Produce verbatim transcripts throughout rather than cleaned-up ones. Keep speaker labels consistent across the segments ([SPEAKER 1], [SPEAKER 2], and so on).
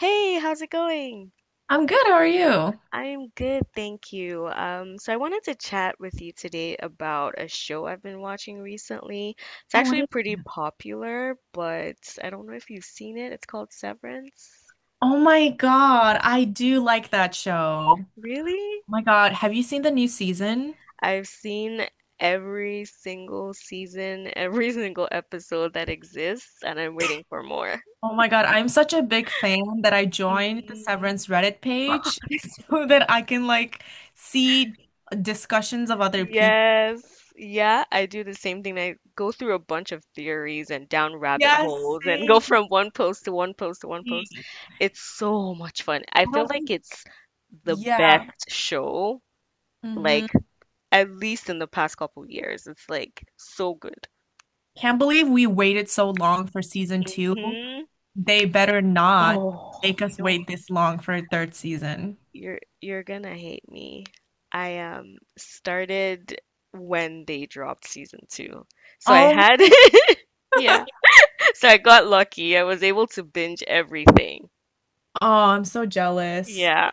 [SPEAKER 1] Hey, how's it going?
[SPEAKER 2] I'm good. How are you?
[SPEAKER 1] I'm good, thank you. Um, so I wanted to chat with you today about a show I've been watching recently. It's
[SPEAKER 2] Oh, what
[SPEAKER 1] actually
[SPEAKER 2] is?
[SPEAKER 1] pretty popular, but I don't know if you've seen it. It's called Severance.
[SPEAKER 2] Oh my God, I do like that show. Oh
[SPEAKER 1] Really?
[SPEAKER 2] my God, have you seen the new season?
[SPEAKER 1] I've seen every single season, every single episode that exists, and I'm waiting for more.
[SPEAKER 2] Oh my God, I'm such a big fan that I joined the
[SPEAKER 1] Hmm
[SPEAKER 2] Severance Reddit page so that I can like see discussions of other people.
[SPEAKER 1] Yes. Yeah, I do the same thing. I go through a bunch of theories and down rabbit
[SPEAKER 2] Yes,
[SPEAKER 1] holes and go
[SPEAKER 2] same.
[SPEAKER 1] from one post to one post to one post.
[SPEAKER 2] I
[SPEAKER 1] It's so much fun. I feel
[SPEAKER 2] don't
[SPEAKER 1] like
[SPEAKER 2] think-
[SPEAKER 1] it's the
[SPEAKER 2] Yeah.
[SPEAKER 1] best show,
[SPEAKER 2] hmm
[SPEAKER 1] like at least in the past couple years. It's like so good.
[SPEAKER 2] Can't believe we waited so long for season two.
[SPEAKER 1] Hmm
[SPEAKER 2] They better not
[SPEAKER 1] Oh,
[SPEAKER 2] make
[SPEAKER 1] you
[SPEAKER 2] us
[SPEAKER 1] know,
[SPEAKER 2] wait this long for a third season.
[SPEAKER 1] you're you're gonna hate me. I um started when they dropped season two. So I
[SPEAKER 2] Oh.
[SPEAKER 1] had yeah. So I got lucky. I was able to binge everything.
[SPEAKER 2] Oh, I'm so jealous
[SPEAKER 1] Yeah.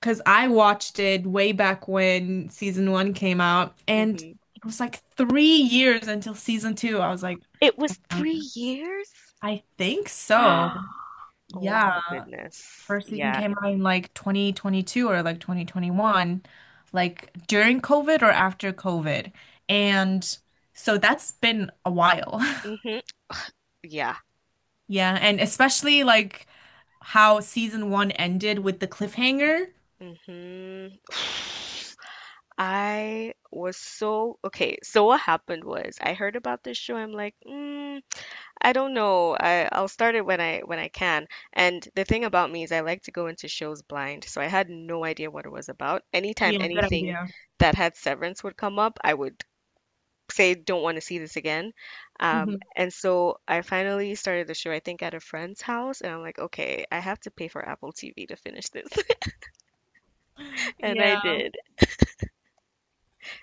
[SPEAKER 2] because I watched it way back when season one came out, and
[SPEAKER 1] hmm
[SPEAKER 2] it was like three years until season two. I was like,
[SPEAKER 1] It was
[SPEAKER 2] oh my God,
[SPEAKER 1] three years?
[SPEAKER 2] I think so.
[SPEAKER 1] Oh
[SPEAKER 2] Yeah,
[SPEAKER 1] my goodness.
[SPEAKER 2] first season
[SPEAKER 1] Yeah.
[SPEAKER 2] came out in like twenty twenty-two or like twenty twenty-one, like during COVID or after COVID. And so that's been a while.
[SPEAKER 1] hmm Yeah.
[SPEAKER 2] Yeah, and especially like how season one ended with the cliffhanger.
[SPEAKER 1] hmm I was so okay. So what happened was I heard about this show. I'm like, mm, I don't know. I I'll start it when I when I can. And the thing about me is I like to go into shows blind, so I had no idea what it was about. Anytime
[SPEAKER 2] Yeah, good
[SPEAKER 1] anything
[SPEAKER 2] idea.
[SPEAKER 1] that had Severance would come up, I would say don't want to see this again. Um, and so I finally started the show, I think, at a friend's house, and I'm like, okay, I have to pay for Apple T V to finish this. And I
[SPEAKER 2] Yeah.
[SPEAKER 1] did.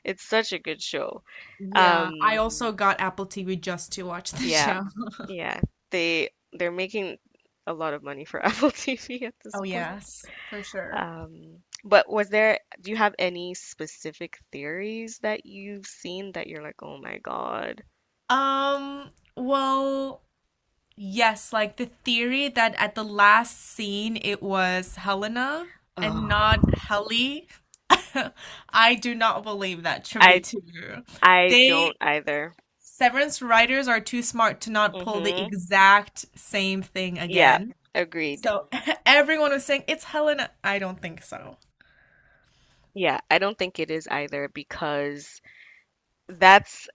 [SPEAKER 1] It's such a good show.
[SPEAKER 2] Yeah, I
[SPEAKER 1] Um,
[SPEAKER 2] also got Apple T V just to watch the
[SPEAKER 1] yeah,
[SPEAKER 2] show.
[SPEAKER 1] yeah. They they're making a lot of money for Apple T V at this
[SPEAKER 2] Oh
[SPEAKER 1] point.
[SPEAKER 2] yes, for sure.
[SPEAKER 1] Um, but was there, do you have any specific theories that you've seen that you're like, oh my God?
[SPEAKER 2] Um, well, yes, like the theory that at the last scene it was Helena and not
[SPEAKER 1] Oh,
[SPEAKER 2] Helly. I do not believe that to be
[SPEAKER 1] I
[SPEAKER 2] true.
[SPEAKER 1] I don't
[SPEAKER 2] They
[SPEAKER 1] either.
[SPEAKER 2] Severance writers are too smart to not pull the
[SPEAKER 1] Hmm
[SPEAKER 2] exact same thing
[SPEAKER 1] Yeah,
[SPEAKER 2] again.
[SPEAKER 1] agreed.
[SPEAKER 2] So everyone was saying it's Helena. I don't think so.
[SPEAKER 1] Yeah, I don't think it is either because that's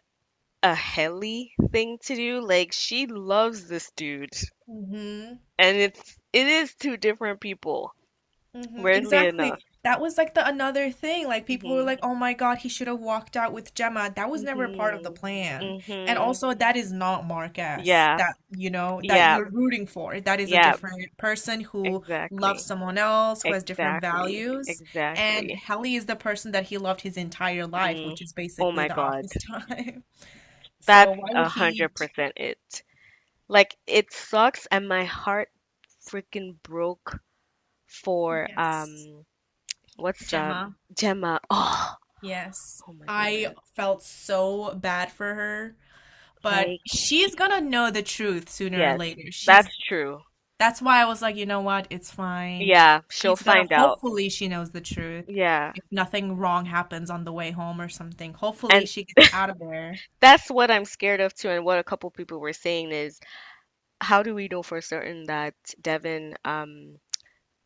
[SPEAKER 1] a Helly thing to do. Like she loves this dude,
[SPEAKER 2] Mhm.
[SPEAKER 1] and it's it is two different people.
[SPEAKER 2] hmm
[SPEAKER 1] Weirdly
[SPEAKER 2] Exactly.
[SPEAKER 1] enough.
[SPEAKER 2] That was like the another thing. Like people were
[SPEAKER 1] Mhm.
[SPEAKER 2] like, "Oh my God, he should have walked out with Gemma." That was never part of the
[SPEAKER 1] Mhm.
[SPEAKER 2] plan. And
[SPEAKER 1] Mhm.
[SPEAKER 2] also, that is not Marquez
[SPEAKER 1] Yeah.
[SPEAKER 2] that you know that
[SPEAKER 1] Yeah.
[SPEAKER 2] you're rooting for. That is a
[SPEAKER 1] Yeah.
[SPEAKER 2] different person who loves
[SPEAKER 1] Exactly.
[SPEAKER 2] someone else, who has different
[SPEAKER 1] Exactly.
[SPEAKER 2] values. And
[SPEAKER 1] Exactly.
[SPEAKER 2] Helly is the person that he loved his entire life,
[SPEAKER 1] Mm.
[SPEAKER 2] which is
[SPEAKER 1] Oh
[SPEAKER 2] basically
[SPEAKER 1] my
[SPEAKER 2] the
[SPEAKER 1] God.
[SPEAKER 2] office time.
[SPEAKER 1] That's
[SPEAKER 2] So why would
[SPEAKER 1] a
[SPEAKER 2] he?
[SPEAKER 1] hundred percent it. Like it sucks, and my heart freaking broke for
[SPEAKER 2] Yes.
[SPEAKER 1] um what's um
[SPEAKER 2] Gemma.
[SPEAKER 1] Gemma. Oh,
[SPEAKER 2] Yes,
[SPEAKER 1] oh my
[SPEAKER 2] I
[SPEAKER 1] goodness.
[SPEAKER 2] felt so bad for her, but
[SPEAKER 1] Like
[SPEAKER 2] she's gonna know the truth sooner or
[SPEAKER 1] yes,
[SPEAKER 2] later.
[SPEAKER 1] that's
[SPEAKER 2] She's
[SPEAKER 1] true.
[SPEAKER 2] That's why I was like, you know what? It's fine.
[SPEAKER 1] Yeah, she'll
[SPEAKER 2] She's gonna
[SPEAKER 1] find out.
[SPEAKER 2] Hopefully she knows the truth.
[SPEAKER 1] Yeah.
[SPEAKER 2] If nothing wrong happens on the way home or something, hopefully
[SPEAKER 1] And
[SPEAKER 2] she gets out of there.
[SPEAKER 1] that's what I'm scared of too, and what a couple people were saying is how do we know for certain that Devin, um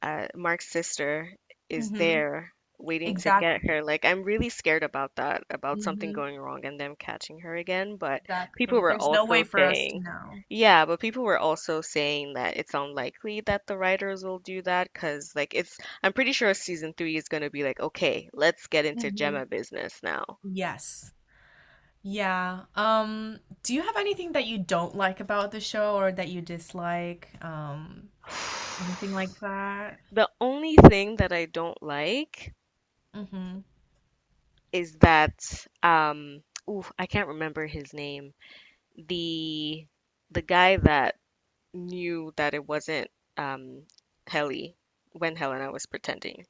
[SPEAKER 1] uh, Mark's sister, is
[SPEAKER 2] hmm
[SPEAKER 1] there waiting to get
[SPEAKER 2] Exactly.
[SPEAKER 1] her. Like, I'm really scared about that, about something
[SPEAKER 2] hmm
[SPEAKER 1] going wrong and them catching her again. But people
[SPEAKER 2] Exactly.
[SPEAKER 1] were
[SPEAKER 2] There's no way
[SPEAKER 1] also
[SPEAKER 2] for us to
[SPEAKER 1] saying,
[SPEAKER 2] know.
[SPEAKER 1] yeah, but people were also saying that it's unlikely that the writers will do that because, like, it's, I'm pretty sure season three is going to be like, okay, let's get into
[SPEAKER 2] hmm
[SPEAKER 1] Gemma business now.
[SPEAKER 2] Yes. Yeah. Um, do you have anything that you don't like about the show or that you dislike? Um, anything like that?
[SPEAKER 1] The only thing that I don't like
[SPEAKER 2] Mm-hmm.
[SPEAKER 1] is that, um, ooh, I can't remember his name, the the guy that knew that it wasn't um Helly when Helena was pretending.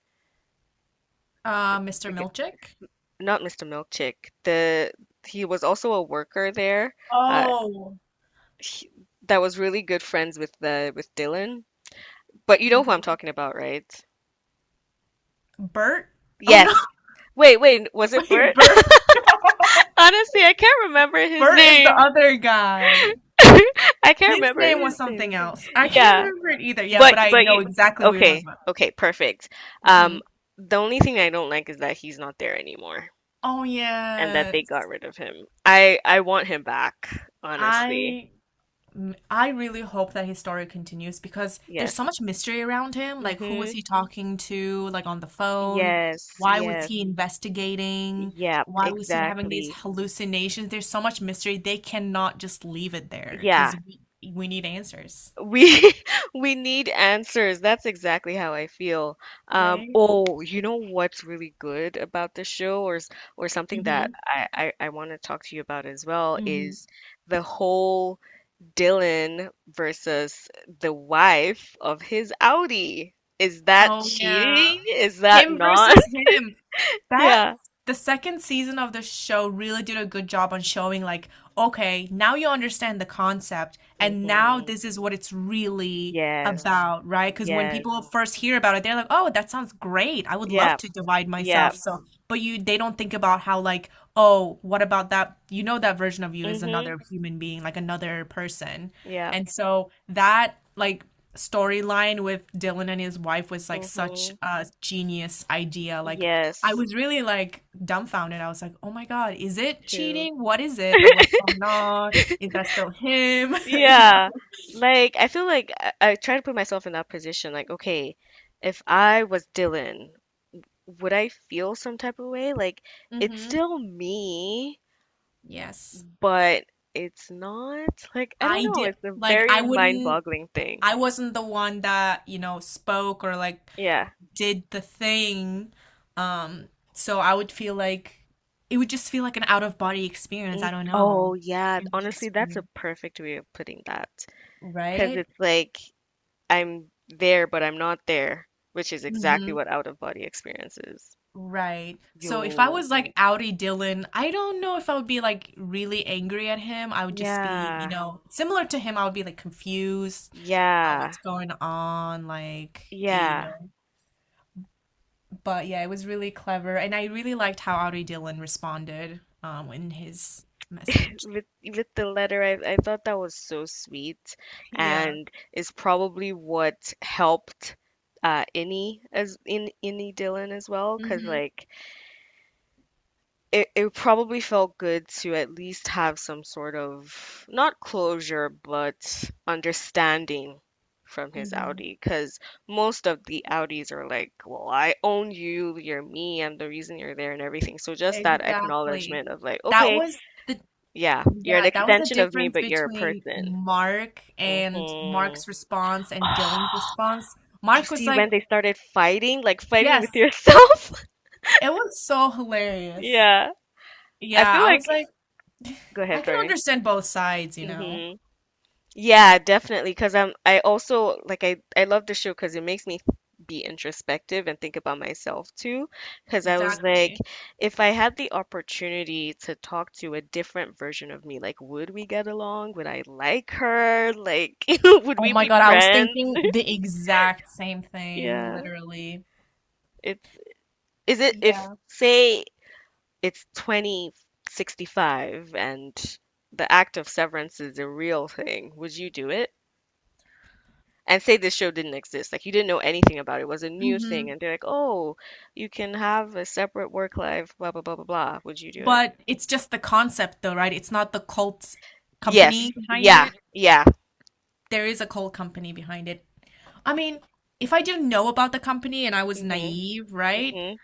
[SPEAKER 2] Uh, mister
[SPEAKER 1] The g-
[SPEAKER 2] Milchick?
[SPEAKER 1] Not mister Milkchick. The He was also a worker there. Uh,
[SPEAKER 2] Oh.
[SPEAKER 1] he, that was really good friends with the with Dylan. But you know who I'm
[SPEAKER 2] Mhm.
[SPEAKER 1] talking about, right?
[SPEAKER 2] Bert? Oh no,
[SPEAKER 1] Yes. Wait, wait, was it
[SPEAKER 2] wait,
[SPEAKER 1] Bert?
[SPEAKER 2] Bert.
[SPEAKER 1] Honestly, I can't remember his
[SPEAKER 2] Bert is
[SPEAKER 1] name.
[SPEAKER 2] the other guy.
[SPEAKER 1] I can't
[SPEAKER 2] His
[SPEAKER 1] remember
[SPEAKER 2] name was
[SPEAKER 1] his
[SPEAKER 2] something
[SPEAKER 1] name.
[SPEAKER 2] else. I can't
[SPEAKER 1] Yeah.
[SPEAKER 2] remember it either. Yeah,
[SPEAKER 1] But
[SPEAKER 2] but I
[SPEAKER 1] but
[SPEAKER 2] know
[SPEAKER 1] you
[SPEAKER 2] exactly who you're talking
[SPEAKER 1] Okay,
[SPEAKER 2] about.
[SPEAKER 1] okay, perfect. Um,
[SPEAKER 2] Mhm.
[SPEAKER 1] the only thing I don't like is that he's not there anymore
[SPEAKER 2] Oh
[SPEAKER 1] and that they got
[SPEAKER 2] yes.
[SPEAKER 1] rid of him. I I want him back, honestly.
[SPEAKER 2] I m- I really hope that his story continues because
[SPEAKER 1] Yes.
[SPEAKER 2] there's so much mystery around him. Like, who was
[SPEAKER 1] Mm-hmm.
[SPEAKER 2] he talking to, like on the phone?
[SPEAKER 1] Yes,
[SPEAKER 2] Why was
[SPEAKER 1] yes.
[SPEAKER 2] he investigating?
[SPEAKER 1] Yep,
[SPEAKER 2] Why was he having these
[SPEAKER 1] exactly.
[SPEAKER 2] hallucinations? There's so much mystery. They cannot just leave it there
[SPEAKER 1] Yeah.
[SPEAKER 2] because we we need answers.
[SPEAKER 1] We we need answers. That's exactly how I feel. Um,
[SPEAKER 2] Right?
[SPEAKER 1] oh, you know what's really good about the show, or s- or something that
[SPEAKER 2] Mm-hmm.
[SPEAKER 1] I I, I want to talk to you about as well,
[SPEAKER 2] Mm-hmm.
[SPEAKER 1] is the whole Dylan versus the wife of his Audi. Is that
[SPEAKER 2] Oh yeah.
[SPEAKER 1] cheating? Is that
[SPEAKER 2] Him
[SPEAKER 1] not?
[SPEAKER 2] versus him. That
[SPEAKER 1] Yeah.
[SPEAKER 2] The second season of the show really did a good job on showing like, okay, now you understand the concept and now
[SPEAKER 1] hmm
[SPEAKER 2] this is what it's really
[SPEAKER 1] Yes.
[SPEAKER 2] about, right? Because when
[SPEAKER 1] Yes.
[SPEAKER 2] people first hear about it, they're like, "Oh, that sounds great. I would love
[SPEAKER 1] Yeah.
[SPEAKER 2] to divide
[SPEAKER 1] Yeah.
[SPEAKER 2] myself." So, but you they don't think about how like, "Oh, what about that? You know that version of you is
[SPEAKER 1] hmm
[SPEAKER 2] another human being, like another person."
[SPEAKER 1] Yeah.
[SPEAKER 2] And so that like storyline with Dylan and his wife was like such
[SPEAKER 1] hmm
[SPEAKER 2] a genius idea. Like, I
[SPEAKER 1] Yes.
[SPEAKER 2] was really like dumbfounded. I was like, oh my God, is it
[SPEAKER 1] True.
[SPEAKER 2] cheating? What is it? Like, what's going on? Is that still him? You know?
[SPEAKER 1] Yeah. Like, I feel like I, I try to put myself in that position. Like, okay, if I was Dylan, would I feel some type of way? Like, it's
[SPEAKER 2] Mm-hmm.
[SPEAKER 1] still me,
[SPEAKER 2] Yes.
[SPEAKER 1] but it's not. like I don't
[SPEAKER 2] I
[SPEAKER 1] know.
[SPEAKER 2] did,
[SPEAKER 1] It's a
[SPEAKER 2] like, I
[SPEAKER 1] very
[SPEAKER 2] wouldn't,
[SPEAKER 1] mind-boggling thing.
[SPEAKER 2] I wasn't the one that, you know, spoke or like
[SPEAKER 1] Yeah.
[SPEAKER 2] did the thing. Um, so I would feel like it would just feel like an out of body experience. I
[SPEAKER 1] Mm.
[SPEAKER 2] don't
[SPEAKER 1] Oh,
[SPEAKER 2] know.
[SPEAKER 1] yeah.
[SPEAKER 2] It was
[SPEAKER 1] Honestly,
[SPEAKER 2] just
[SPEAKER 1] that's a
[SPEAKER 2] weird,
[SPEAKER 1] perfect way of putting that. Because
[SPEAKER 2] right?
[SPEAKER 1] it's like I'm there, but I'm not there, which is exactly
[SPEAKER 2] Mhm.
[SPEAKER 1] what out-of-body experience is.
[SPEAKER 2] Right. So if I
[SPEAKER 1] Yo.
[SPEAKER 2] was like Audi Dylan, I don't know if I would be like really angry at him. I would just be, you
[SPEAKER 1] Yeah.
[SPEAKER 2] know, similar to him, I would be like confused, uh,
[SPEAKER 1] Yeah.
[SPEAKER 2] what's going on, like, eh, you
[SPEAKER 1] Yeah.
[SPEAKER 2] know. But yeah, it was really clever, and I really liked how Audi Dylan responded um in his message.
[SPEAKER 1] with with the letter I, I thought that was so sweet,
[SPEAKER 2] Yeah.
[SPEAKER 1] and is probably what helped uh Innie, as in Innie Dylan, as well, because
[SPEAKER 2] Mm-hmm.
[SPEAKER 1] like it, it probably felt good to at least have some sort of not closure but understanding from his
[SPEAKER 2] Mm-hmm.
[SPEAKER 1] Audi, because most of the Audis are like, well, I own you, you're me, I'm the reason you're there and everything. So just that
[SPEAKER 2] Exactly.
[SPEAKER 1] acknowledgement of like,
[SPEAKER 2] That
[SPEAKER 1] okay,
[SPEAKER 2] was the
[SPEAKER 1] yeah, you're an
[SPEAKER 2] Yeah, that was the
[SPEAKER 1] extension of me,
[SPEAKER 2] difference
[SPEAKER 1] but you're a
[SPEAKER 2] between
[SPEAKER 1] person.
[SPEAKER 2] Mark
[SPEAKER 1] Hmm
[SPEAKER 2] and Mark's response and Dylan's response.
[SPEAKER 1] You
[SPEAKER 2] Mark was
[SPEAKER 1] see when
[SPEAKER 2] like,
[SPEAKER 1] they started fighting, like fighting
[SPEAKER 2] yes,
[SPEAKER 1] with yourself?
[SPEAKER 2] it was so hilarious.
[SPEAKER 1] Yeah. I
[SPEAKER 2] Yeah,
[SPEAKER 1] feel
[SPEAKER 2] I
[SPEAKER 1] like,
[SPEAKER 2] was like,
[SPEAKER 1] go ahead,
[SPEAKER 2] I can
[SPEAKER 1] sorry.
[SPEAKER 2] understand both sides, you know?
[SPEAKER 1] Hmm Yeah, definitely. Because I'm, I also like I, I love the show because it makes me be introspective and think about myself too. Because I was like,
[SPEAKER 2] Exactly.
[SPEAKER 1] if I had the opportunity to talk to a different version of me, like, would we get along? Would I like her? Like, would
[SPEAKER 2] Oh
[SPEAKER 1] we
[SPEAKER 2] my
[SPEAKER 1] be
[SPEAKER 2] God, I was
[SPEAKER 1] friends?
[SPEAKER 2] thinking the exact same thing,
[SPEAKER 1] Yeah.
[SPEAKER 2] literally.
[SPEAKER 1] It's is it If
[SPEAKER 2] Yeah.
[SPEAKER 1] say it's twenty sixty-five and the act of severance is a real thing, would you do it? And say this show didn't exist, like you didn't know anything about it, it was a new thing,
[SPEAKER 2] hmm
[SPEAKER 1] and they're like, "Oh, you can have a separate work life, blah blah blah blah blah." Would you do it?
[SPEAKER 2] But it's just the concept, though, right? It's not the cult
[SPEAKER 1] Yes.
[SPEAKER 2] company behind
[SPEAKER 1] Yeah.
[SPEAKER 2] it.
[SPEAKER 1] Yeah.
[SPEAKER 2] There is a coal company behind it. I mean, if I didn't know about the company and I was
[SPEAKER 1] hmm
[SPEAKER 2] naive, right?
[SPEAKER 1] hmm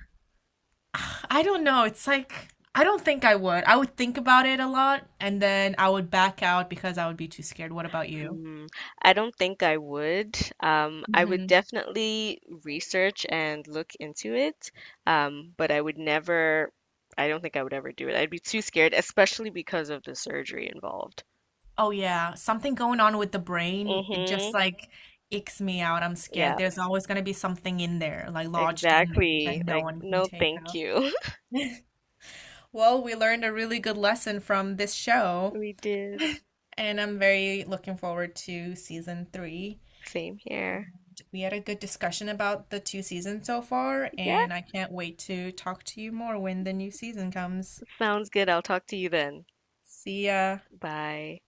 [SPEAKER 2] I don't know. It's like I don't think I would. I would think about it a lot and then I would back out because I would be too scared. What about you?
[SPEAKER 1] Mm, I don't think I would. Um, I would
[SPEAKER 2] hmm
[SPEAKER 1] definitely research and look into it, um, but I would never, I don't think I would ever do it. I'd be too scared, especially because of the surgery involved.
[SPEAKER 2] Oh yeah, something going on with the brain. It
[SPEAKER 1] Mm-hmm.
[SPEAKER 2] just like icks me out. I'm scared.
[SPEAKER 1] Yeah,
[SPEAKER 2] There's always going to be something in there, like lodged in there
[SPEAKER 1] exactly.
[SPEAKER 2] that no
[SPEAKER 1] Like,
[SPEAKER 2] one can
[SPEAKER 1] no,
[SPEAKER 2] take
[SPEAKER 1] thank
[SPEAKER 2] out.
[SPEAKER 1] you.
[SPEAKER 2] Well, we learned a really good lesson from this show.
[SPEAKER 1] We did.
[SPEAKER 2] And I'm very looking forward to season three.
[SPEAKER 1] Same here.
[SPEAKER 2] We had a good discussion about the two seasons so far,
[SPEAKER 1] Yeah,
[SPEAKER 2] and I can't wait to talk to you more when the new season comes.
[SPEAKER 1] sounds good. I'll talk to you then.
[SPEAKER 2] See ya.
[SPEAKER 1] Bye.